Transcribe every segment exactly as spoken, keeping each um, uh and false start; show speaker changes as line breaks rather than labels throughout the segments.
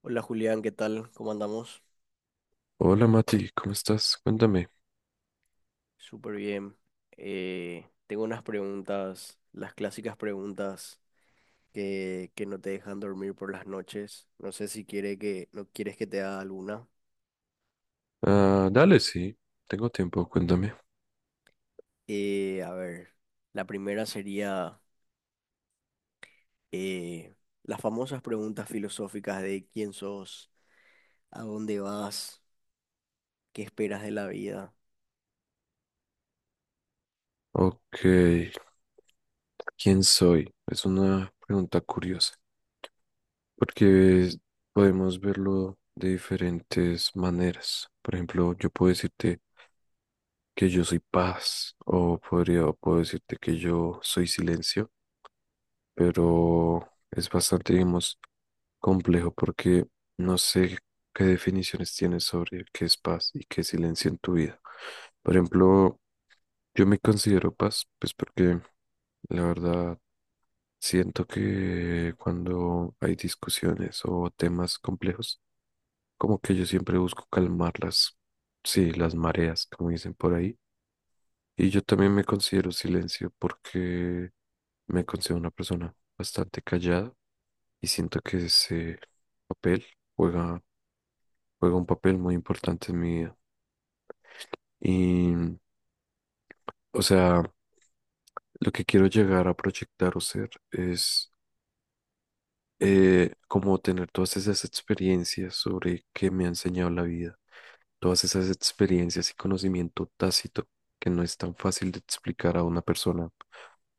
Hola Julián, ¿qué tal? ¿Cómo andamos?
Hola Mati, ¿cómo estás? Cuéntame.
Súper bien. Eh, tengo unas preguntas, las clásicas preguntas que, que no te dejan dormir por las noches. No sé si quiere que, no quieres que te haga alguna.
Ah, dale, sí, tengo tiempo, cuéntame.
Eh, a ver, la primera sería eh, las famosas preguntas filosóficas de quién sos, a dónde vas, qué esperas de la vida.
Ok, ¿quién soy? Es una pregunta curiosa, porque podemos verlo de diferentes maneras. Por ejemplo, yo puedo decirte que yo soy paz, o podría, o puedo decirte que yo soy silencio, pero es bastante, digamos, complejo porque no sé qué definiciones tienes sobre qué es paz y qué es silencio en tu vida. Por ejemplo, Yo me considero paz, pues porque la verdad siento que cuando hay discusiones o temas complejos, como que yo siempre busco calmarlas, sí, las mareas, como dicen por ahí. Y yo también me considero silencio porque me considero una persona bastante callada y siento que ese papel juega, juega un papel muy importante en mi vida. Y, o sea, lo que quiero llegar a proyectar o ser es eh, como tener todas esas experiencias sobre qué me ha enseñado la vida, todas esas experiencias y conocimiento tácito que no es tan fácil de explicar a una persona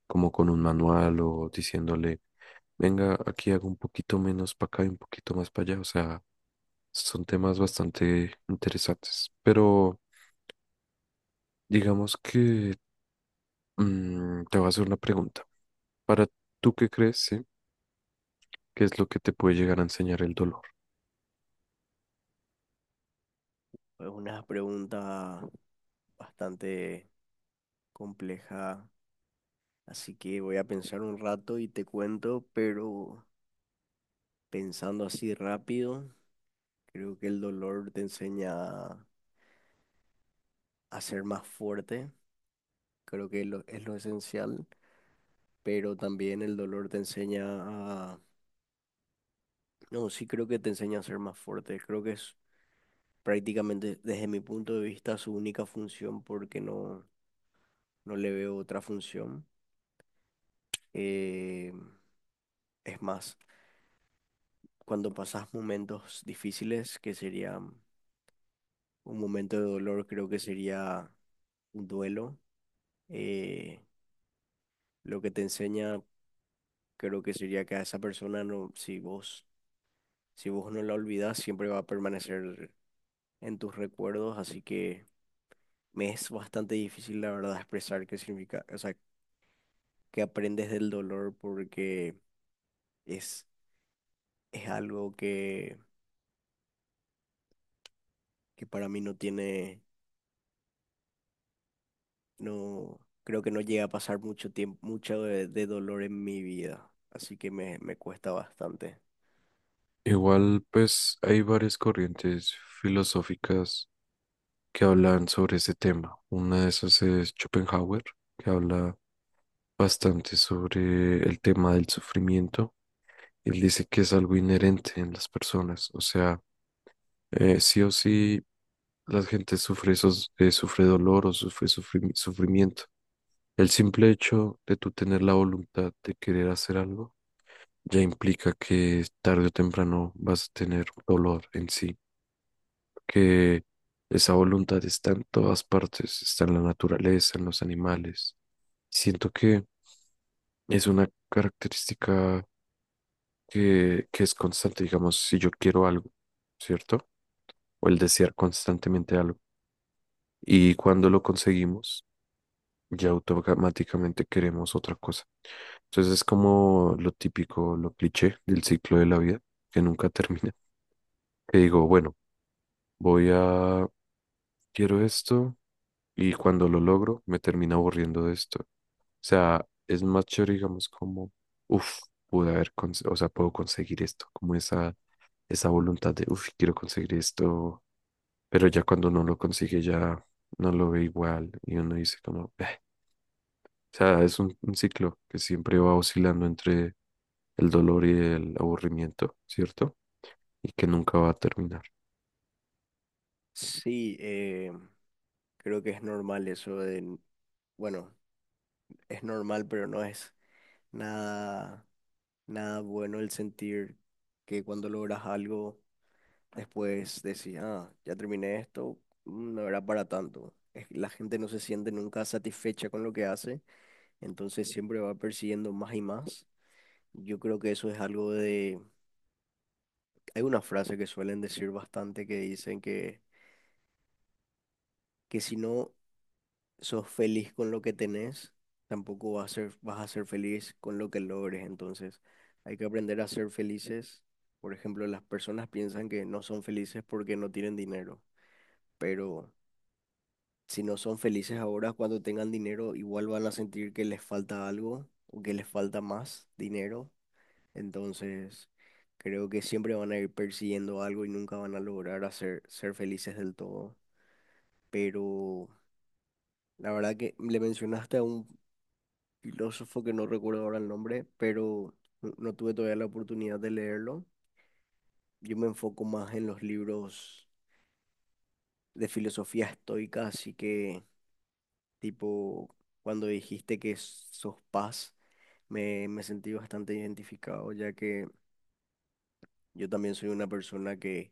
como con un manual o diciéndole, venga, aquí hago un poquito menos para acá y un poquito más para allá. O sea, son temas bastante interesantes. Pero digamos que mm, te voy a hacer una pregunta. ¿Para tú qué crees, sí? ¿Qué es lo que te puede llegar a enseñar el dolor?
Es una pregunta bastante compleja. Así que voy a pensar un rato y te cuento, pero pensando así rápido, creo que el dolor te enseña a ser más fuerte, creo que lo- es lo esencial, pero también el dolor te enseña a... No, sí creo que te enseña a ser más fuerte, creo que es prácticamente desde mi punto de vista su única función porque no, no le veo otra función. Eh, es más, cuando pasas momentos difíciles, que serían un momento de dolor, creo que sería un duelo. Eh, lo que te enseña creo que sería que a esa persona no, si vos, si vos no la olvidás, siempre va a permanecer en tus recuerdos. Así que me es bastante difícil, la verdad, expresar qué significa, o sea, qué aprendes del dolor porque es, es algo que, que para mí no tiene, no, creo que no llega a pasar mucho tiempo, mucho de, de dolor en mi vida. Así que me, me cuesta bastante.
Igual, pues hay varias corrientes filosóficas que hablan sobre ese tema. Una de esas es Schopenhauer, que habla bastante sobre el tema del sufrimiento. Él dice que es algo inherente en las personas, o sea, eh, sí o sí la gente sufre, esos, eh, sufre dolor o sufre sufrimi- sufrimiento. El simple hecho de tú tener la voluntad de querer hacer algo ya implica que tarde o temprano vas a tener dolor en sí. Que esa voluntad está en todas partes, está en la naturaleza, en los animales. Siento que es una característica que, que es constante, digamos, si yo quiero algo, ¿cierto? O el desear constantemente algo. Y cuando lo conseguimos, ya automáticamente queremos otra cosa. Entonces es como lo típico, lo cliché del ciclo de la vida, que nunca termina. Que digo, bueno, voy a, quiero esto y cuando lo logro me termina aburriendo de esto. O sea, es más chévere, digamos, como, uff, pude haber, cons- o sea, puedo conseguir esto, como esa, esa voluntad de, uff, quiero conseguir esto, pero ya cuando uno lo consigue ya no lo ve igual y uno dice como, "Eh". O sea, es un, un ciclo que siempre va oscilando entre el dolor y el aburrimiento, ¿cierto? Y que nunca va a terminar.
Sí, eh, creo que es normal eso de, bueno, es normal, pero no es nada, nada bueno el sentir que cuando logras algo, después decís, ah, ya terminé esto, mm, no era para tanto. Es que la gente no se siente nunca satisfecha con lo que hace, entonces siempre va persiguiendo más y más. Yo creo que eso es algo de, hay una frase que suelen decir bastante que dicen que, que si no sos feliz con lo que tenés, tampoco vas a ser, vas a ser feliz con lo que logres. Entonces, hay que aprender a ser felices. Por ejemplo, las personas piensan que no son felices porque no tienen dinero, pero si no son felices ahora, cuando tengan dinero, igual van a sentir que les falta algo o que les falta más dinero. Entonces, creo que siempre van a ir persiguiendo algo y nunca van a lograr hacer, ser felices del todo. Pero la verdad que le mencionaste a un filósofo que no recuerdo ahora el nombre, pero no, no tuve todavía la oportunidad de leerlo. Yo me enfoco más en los libros de filosofía estoica, así que tipo, cuando dijiste que sos paz, me, me sentí bastante identificado, ya que yo también soy una persona que,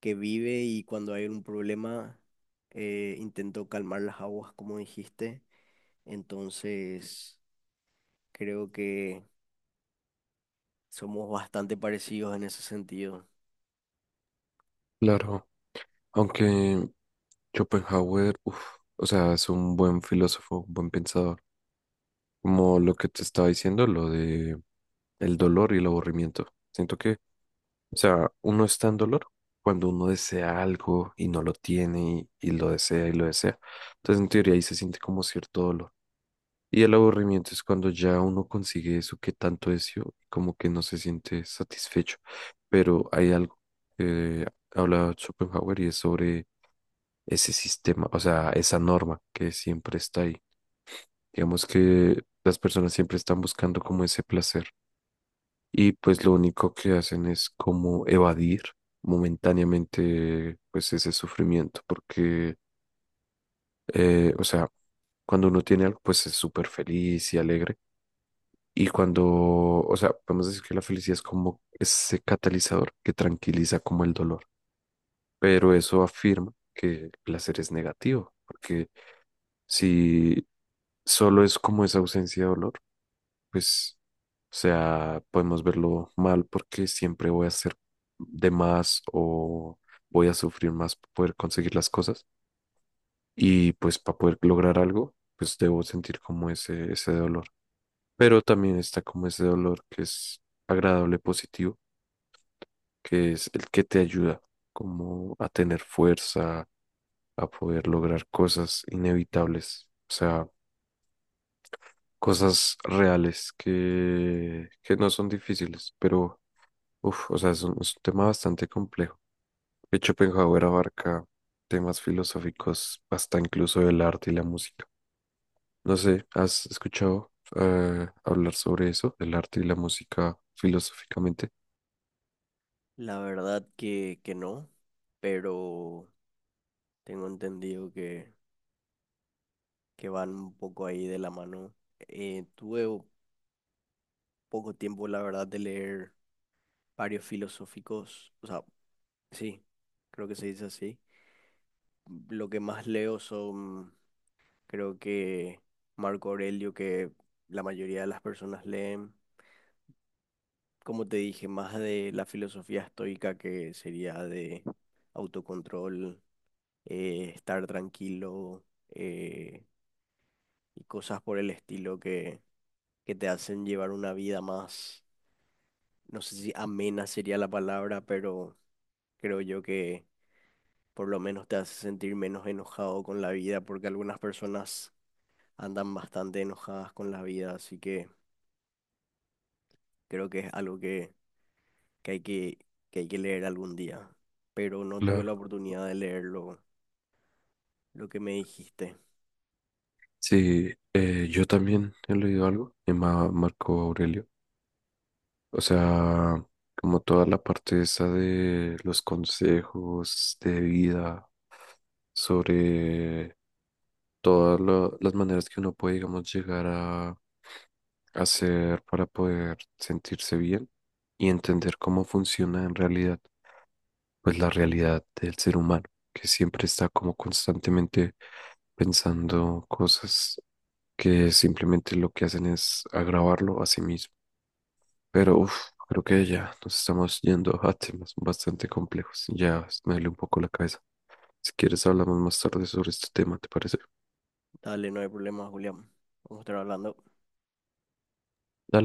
que vive y cuando hay un problema eh, intento calmar las aguas, como dijiste. Entonces, creo que somos bastante parecidos en ese sentido.
Claro, aunque Schopenhauer, uff, o sea, es un buen filósofo, un buen pensador. Como lo que te estaba diciendo, lo de el dolor y el aburrimiento. Siento que, o sea, uno está en dolor cuando uno desea algo y no lo tiene y, y lo desea y lo desea. Entonces, en teoría, ahí se siente como cierto dolor. Y el aburrimiento es cuando ya uno consigue eso que tanto deseó, como que no se siente satisfecho. Pero hay algo que habla Schopenhauer y es sobre ese sistema, o sea, esa norma que siempre está ahí. Digamos que las personas siempre están buscando como ese placer y pues lo único que hacen es como evadir momentáneamente pues ese sufrimiento porque, eh, o sea, cuando uno tiene algo pues es súper feliz y alegre y cuando, o sea, podemos decir que la felicidad es como ese catalizador que tranquiliza como el dolor, pero eso afirma que el placer es negativo porque si solo es como esa ausencia de dolor, pues, o sea, podemos verlo mal porque siempre voy a hacer de más o voy a sufrir más para poder conseguir las cosas. Y pues para poder lograr algo, pues debo sentir como ese, ese dolor. Pero también está como ese dolor que es agradable, positivo, que es el que te ayuda como a tener fuerza, a poder lograr cosas inevitables, o sea, cosas reales que, que no son difíciles, pero uf, o sea, es un, es un tema bastante complejo. De hecho, Schopenhauer abarca temas filosóficos hasta incluso del arte y la música. No sé, ¿has escuchado eh, hablar sobre eso, del arte y la música filosóficamente?
La verdad que, que no, pero tengo entendido que, que van un poco ahí de la mano. Eh, tuve o- poco tiempo, la verdad, de leer varios filosóficos, o sea, sí, creo que se dice así. Lo que más leo son, creo que Marco Aurelio, que la mayoría de las personas leen, como te dije, más de la filosofía estoica, que sería de autocontrol, eh, estar tranquilo. eh, y cosas por el estilo que, que te hacen llevar una vida más, no sé si amena sería la palabra, pero creo yo que por lo menos te hace sentir menos enojado con la vida, porque algunas personas andan bastante enojadas con la vida, así que creo que es algo que, que hay que, que hay que leer algún día, pero no tuve
Claro.
la oportunidad de leerlo, lo que me dijiste.
Sí, eh, yo también he leído algo de Ma- Marco Aurelio. O sea, como toda la parte esa de los consejos de vida sobre todas lo- las maneras que uno puede, digamos, llegar a hacer para poder sentirse bien y entender cómo funciona en realidad, pues la realidad del ser humano, que siempre está como constantemente pensando cosas que simplemente lo que hacen es agravarlo a sí mismo. Pero uf, creo que ya nos estamos yendo a temas bastante complejos. Ya me duele un poco la cabeza. Si quieres, hablamos más tarde sobre este tema, ¿te parece?
Dale, no hay problema, Julián. Vamos a estar hablando.
Dale.